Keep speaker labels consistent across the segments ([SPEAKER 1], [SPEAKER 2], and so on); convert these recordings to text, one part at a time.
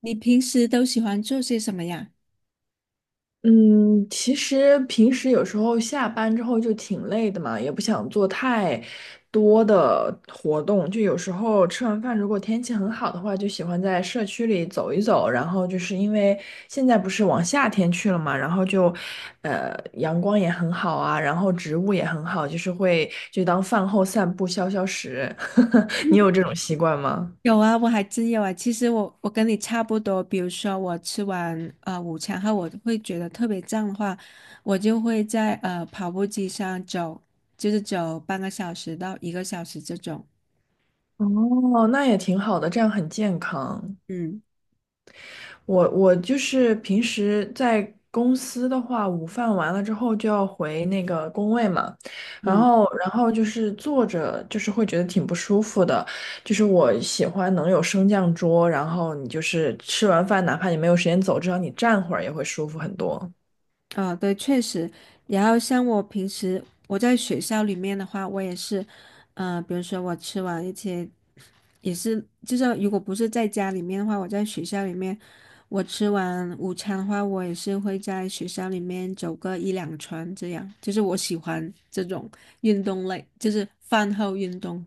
[SPEAKER 1] 你平时都喜欢做些什么呀？
[SPEAKER 2] 嗯，其实平时有时候下班之后就挺累的嘛，也不想做太多的活动。就有时候吃完饭，如果天气很好的话，就喜欢在社区里走一走。然后就是因为现在不是往夏天去了嘛，然后就，呃，阳光也很好啊，然后植物也很好，就是会就当饭后散步消消食。你有
[SPEAKER 1] 嗯，
[SPEAKER 2] 这种习惯吗？
[SPEAKER 1] 有啊，我还真有啊。其实我跟你差不多，比如说我吃完午餐后，我会觉得特别胀的话，我就会在跑步机上走，就是走半个小时到一个小时这种。
[SPEAKER 2] 哦，那也挺好的，这样很健康。
[SPEAKER 1] 嗯。
[SPEAKER 2] 我就是平时在公司的话，午饭完了之后就要回那个工位嘛，然
[SPEAKER 1] 嗯，
[SPEAKER 2] 后然后就是坐着，就是会觉得挺不舒服的。就是我喜欢能有升降桌，然后你就是吃完饭，哪怕你没有时间走，至少你站会儿也会舒服很多。
[SPEAKER 1] 哦，对，确实。然后像我平时我在学校里面的话，我也是，比如说我吃完一些也是，就是如果不是在家里面的话，我在学校里面，我吃完午餐的话，我也是会在学校里面走个一两圈，这样，就是我喜欢这种运动类，就是饭后运动。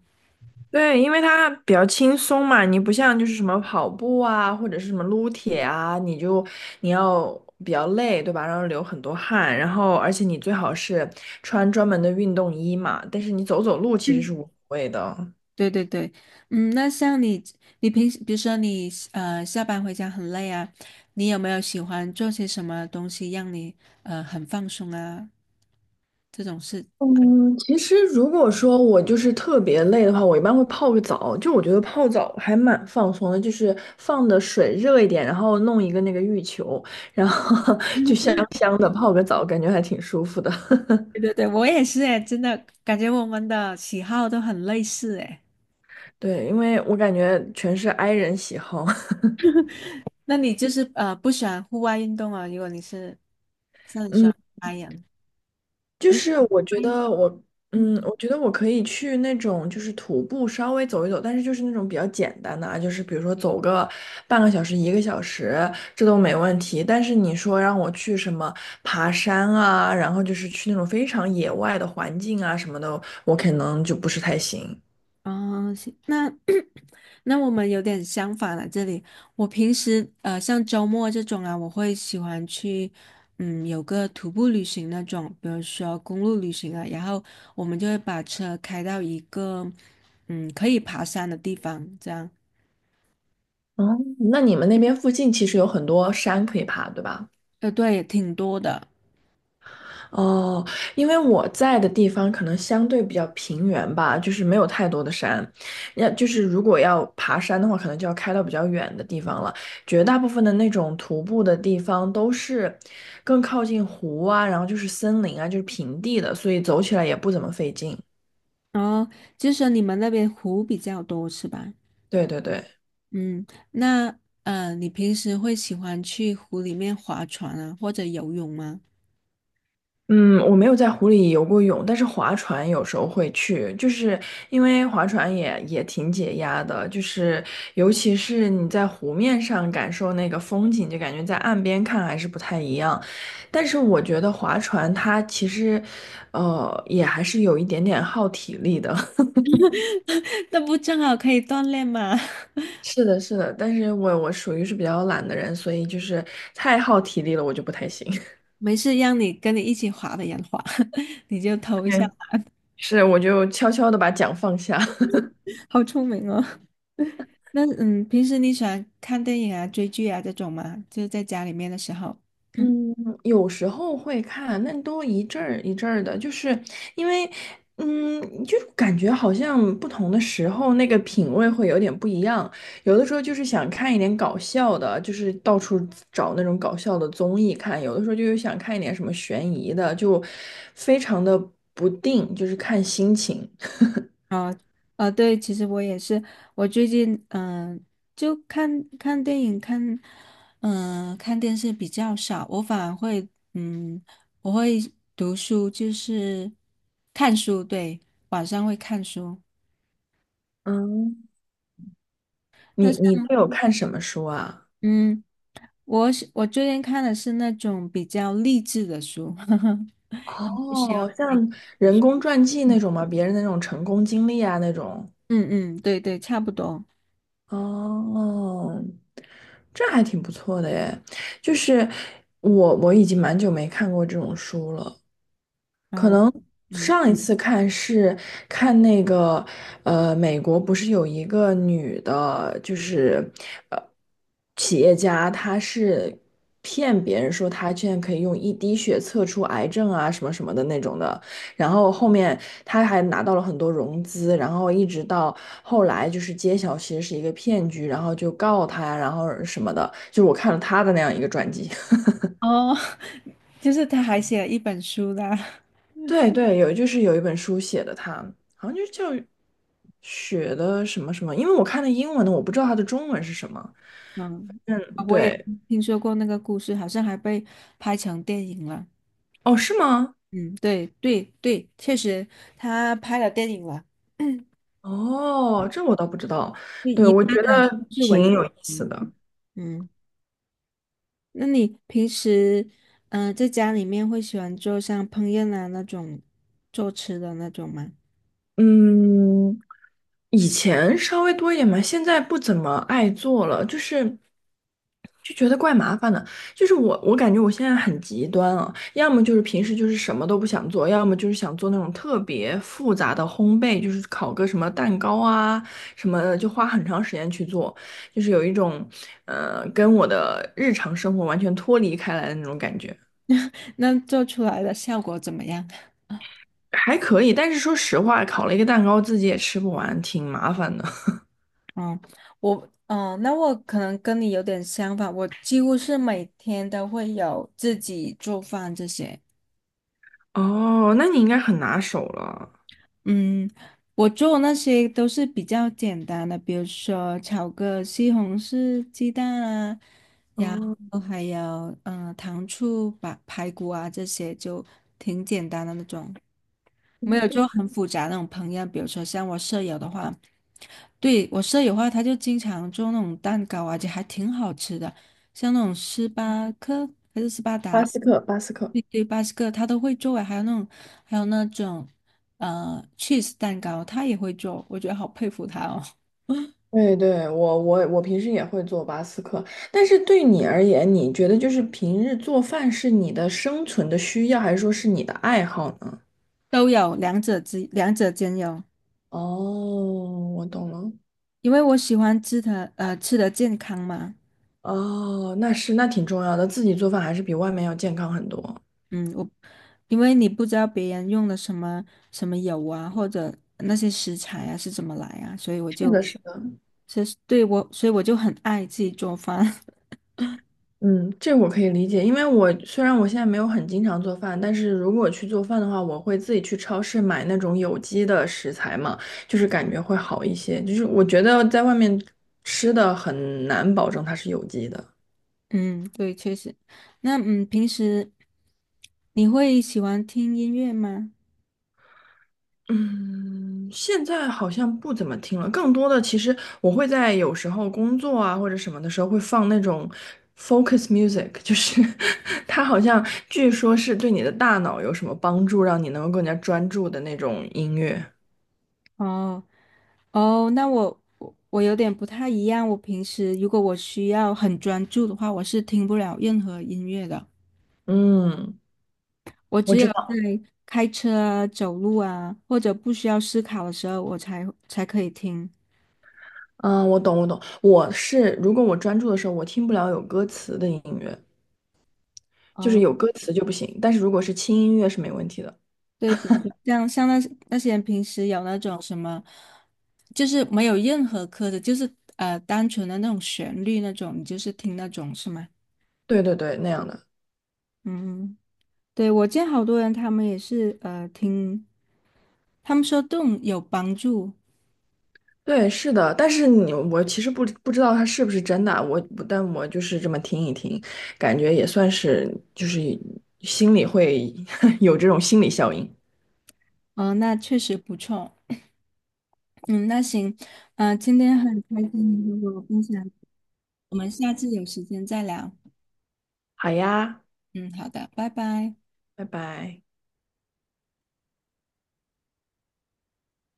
[SPEAKER 2] 对，因为它比较轻松嘛，你不像就是什么跑步啊，或者是什么撸铁啊，你要比较累，对吧？然后流很多汗，然后而且你最好是穿专门的运动衣嘛，但是你走走路其实是
[SPEAKER 1] 嗯，
[SPEAKER 2] 无所谓的。
[SPEAKER 1] 对对对。嗯，那像你平时比如说你下班回家很累啊，你有没有喜欢做些什么东西让你很放松啊？这种事。
[SPEAKER 2] 嗯，其实如果说我就是特别累的话，我一般会泡个澡。就我觉得泡澡还蛮放松的，就是放的水热一点，然后弄一个那个浴球，然后 就香香的泡个澡，感觉还挺舒服的。
[SPEAKER 1] 对 对对，我也是诶，真的感觉我们的喜好都很类似诶。
[SPEAKER 2] 对，因为我感觉全是 i 人喜好，
[SPEAKER 1] 那你就是不喜欢户外运动啊？如果你是像 你喜
[SPEAKER 2] 嗯，
[SPEAKER 1] 欢攀岩，
[SPEAKER 2] 就
[SPEAKER 1] 你喜
[SPEAKER 2] 是
[SPEAKER 1] 欢
[SPEAKER 2] 我觉
[SPEAKER 1] 攀岩？
[SPEAKER 2] 得我，我觉得我可以去那种就是徒步稍微走一走，但是就是那种比较简单的啊，就是比如说走个半个小时、一个小时，这都没问题。但是你说让我去什么爬山啊，然后就是去那种非常野外的环境啊什么的，我可能就不是太行。
[SPEAKER 1] 哦，行那 那我们有点相反了。这里我平时像周末这种啊，我会喜欢去有个徒步旅行那种，比如说公路旅行啊，然后我们就会把车开到一个可以爬山的地方，这样。
[SPEAKER 2] 哦，那你们那边附近其实有很多山可以爬，对吧？
[SPEAKER 1] 对，挺多的。
[SPEAKER 2] 哦，因为我在的地方可能相对比较平原吧，就是没有太多的山。要就是如果要爬山的话，可能就要开到比较远的地方了。绝大部分的那种徒步的地方都是更靠近湖啊，然后就是森林啊，就是平地的，所以走起来也不怎么费劲。
[SPEAKER 1] 哦。就是说你们那边湖比较多是吧？
[SPEAKER 2] 对对对。
[SPEAKER 1] 嗯，那你平时会喜欢去湖里面划船啊，或者游泳吗？
[SPEAKER 2] 嗯，我没有在湖里游过泳，但是划船有时候会去，就是因为划船也挺解压的，就是尤其是你在湖面上感受那个风景，就感觉在岸边看还是不太一样。但是我觉得划船它其实，也还是有一点点耗体力的。
[SPEAKER 1] 那不正好可以锻炼吗？
[SPEAKER 2] 是的，是的，但是我属于是比较懒的人，所以就是太耗体力了，我就不太行。
[SPEAKER 1] 没事，让你跟你一起划的人划，你就投一下。
[SPEAKER 2] 对，是，我就悄悄的把桨放下。
[SPEAKER 1] 好聪明哦！那嗯，平时你喜欢看电影啊、追剧啊这种吗？就是在家里面的时候。
[SPEAKER 2] 嗯，有时候会看，但都一阵儿一阵儿的，就是因为，嗯，就是感觉好像不同的时候那个品味会有点不一样。有的时候就是想看一点搞笑的，就是到处找那种搞笑的综艺看；有的时候就是想看一点什么悬疑的，就非常的不定，就是看心情。
[SPEAKER 1] 啊，对，其实我也是，我最近就看看电影，看电视比较少，我反而会嗯，我会读书，就是看书，对，晚上会看书。
[SPEAKER 2] 嗯，
[SPEAKER 1] 但
[SPEAKER 2] 你
[SPEAKER 1] 是
[SPEAKER 2] 你都有看什么书啊？
[SPEAKER 1] 嗯，我最近看的是那种比较励志的书，呵呵，需要
[SPEAKER 2] 哦，
[SPEAKER 1] 一
[SPEAKER 2] 像
[SPEAKER 1] 点
[SPEAKER 2] 人
[SPEAKER 1] 书。
[SPEAKER 2] 工传记那
[SPEAKER 1] 嗯
[SPEAKER 2] 种吗？别人的那种成功经历啊那种。
[SPEAKER 1] 嗯，嗯，对对，差不多。
[SPEAKER 2] 哦，这还挺不错的耶。就是我已经蛮久没看过这种书了，
[SPEAKER 1] 然后
[SPEAKER 2] 可
[SPEAKER 1] 我
[SPEAKER 2] 能
[SPEAKER 1] 嗯，
[SPEAKER 2] 上一次看是看那个。美国不是有一个女的，就是呃企业家，她是骗别人说她现在可以用一滴血测出癌症啊什么什么的那种的，然后后面她还拿到了很多融资，然后一直到后来就是揭晓其实是一个骗局，然后就告她，然后什么的，就是我看了她的那样一个传记。
[SPEAKER 1] 哦。就是他还写了一本书啦。
[SPEAKER 2] 对对，有就是有一本书写的他，好像就叫雪的什么什么，因为我看的英文的，我不知道它的中文是什么。
[SPEAKER 1] 嗯。
[SPEAKER 2] 嗯，
[SPEAKER 1] 我也
[SPEAKER 2] 对，
[SPEAKER 1] 听说过那个故事，好像还被拍成电影了。
[SPEAKER 2] 哦，是吗？
[SPEAKER 1] 嗯，对对对，确实他拍了电影了，
[SPEAKER 2] 哦，这我倒不知道。
[SPEAKER 1] 就
[SPEAKER 2] 对，
[SPEAKER 1] 以
[SPEAKER 2] 我
[SPEAKER 1] 他
[SPEAKER 2] 觉
[SPEAKER 1] 的
[SPEAKER 2] 得
[SPEAKER 1] 故事为原
[SPEAKER 2] 挺有意思
[SPEAKER 1] 型。
[SPEAKER 2] 的。
[SPEAKER 1] 嗯，那你平时在家里面会喜欢做像烹饪啊那种做吃的那种吗？
[SPEAKER 2] 嗯，以前稍微多一点嘛，现在不怎么爱做了，就是就觉得怪麻烦的。我感觉我现在很极端啊，要么就是平时就是什么都不想做，要么就是想做那种特别复杂的烘焙，就是烤个什么蛋糕啊什么的，就花很长时间去做，就是有一种跟我的日常生活完全脱离开来的那种感觉。
[SPEAKER 1] 那做出来的效果怎么样？
[SPEAKER 2] 还可以，但是说实话，烤了一个蛋糕自己也吃不完，挺麻烦的。
[SPEAKER 1] 嗯，我那我可能跟你有点相反，我几乎是每天都会有自己做饭这些。
[SPEAKER 2] 哦，那你应该很拿手了。
[SPEAKER 1] 嗯，我做那些都是比较简单的，比如说炒个西红柿鸡蛋啊，然
[SPEAKER 2] 哦，
[SPEAKER 1] 后还有糖醋排骨啊，这些就挺简单的那种，没有做
[SPEAKER 2] 嗯
[SPEAKER 1] 很复杂那种烹饪。比如说像我舍友的话，对，我舍友的话，他就经常做那种蛋糕啊，而且还挺好吃的，像那种斯巴克还是斯巴达，
[SPEAKER 2] 巴斯克，巴斯克，
[SPEAKER 1] 对对，巴斯克他都会做啊，还有那种cheese 蛋糕，他也会做，我觉得好佩服他哦。
[SPEAKER 2] 对对，我平时也会做巴斯克，但是对你而言，你觉得就是平日做饭是你的生存的需要，还是说是你的爱好呢？
[SPEAKER 1] 都有两者兼有，
[SPEAKER 2] 哦，我懂了。
[SPEAKER 1] 因为我喜欢吃的健康嘛。
[SPEAKER 2] 哦，那是，那挺重要的，自己做饭还是比外面要健康很多。
[SPEAKER 1] 嗯，我因为你不知道别人用的什么什么油啊，或者那些食材啊是怎么来啊，所以我
[SPEAKER 2] 是
[SPEAKER 1] 就。
[SPEAKER 2] 的，是。的。
[SPEAKER 1] 其实对我，所以我就很爱自己做饭。
[SPEAKER 2] 嗯，这我可以理解，因为我虽然我现在没有很经常做饭，但是如果去做饭的话，我会自己去超市买那种有机的食材嘛，就是感觉会好一些。就是我觉得在外面吃的很难保证它是有机的。
[SPEAKER 1] 嗯，对，确实。那嗯，平时你会喜欢听音乐吗？
[SPEAKER 2] 嗯，现在好像不怎么听了，更多的其实我会在有时候工作啊或者什么的时候会放那种 focus music,就是 它好像据说是对你的大脑有什么帮助，让你能够更加专注的那种音乐。
[SPEAKER 1] 哦。哦，那我有点不太一样。我平时如果我需要很专注的话，我是听不了任何音乐的。
[SPEAKER 2] 嗯，
[SPEAKER 1] 我
[SPEAKER 2] 我
[SPEAKER 1] 只有
[SPEAKER 2] 知
[SPEAKER 1] 在
[SPEAKER 2] 道，
[SPEAKER 1] 开车啊、走路啊，或者不需要思考的时候，我才可以听。
[SPEAKER 2] 嗯，我懂，我懂。我是如果我专注的时候，我听不了有歌词的音乐，就是有歌词就不行。但是如果是轻音乐是没问题的。
[SPEAKER 1] 对，比如说像那些人平时有那种什么，就是没有任何歌的，就是单纯的那种旋律那种，你就是听那种是吗？
[SPEAKER 2] 对对对，那样的。
[SPEAKER 1] 嗯，对，我见好多人他们也是听，他们说动有帮助。
[SPEAKER 2] 对，是的。但是你，我其实不知道它是不是真的啊，我但我就是这么听一听，感觉也算是就是心里会 有这种心理效应。
[SPEAKER 1] 嗯、那确实不错。嗯，那行，今天很开心你和我分享，我们下次有时间再聊。
[SPEAKER 2] 好呀，
[SPEAKER 1] 嗯，好的，拜拜。
[SPEAKER 2] 拜拜。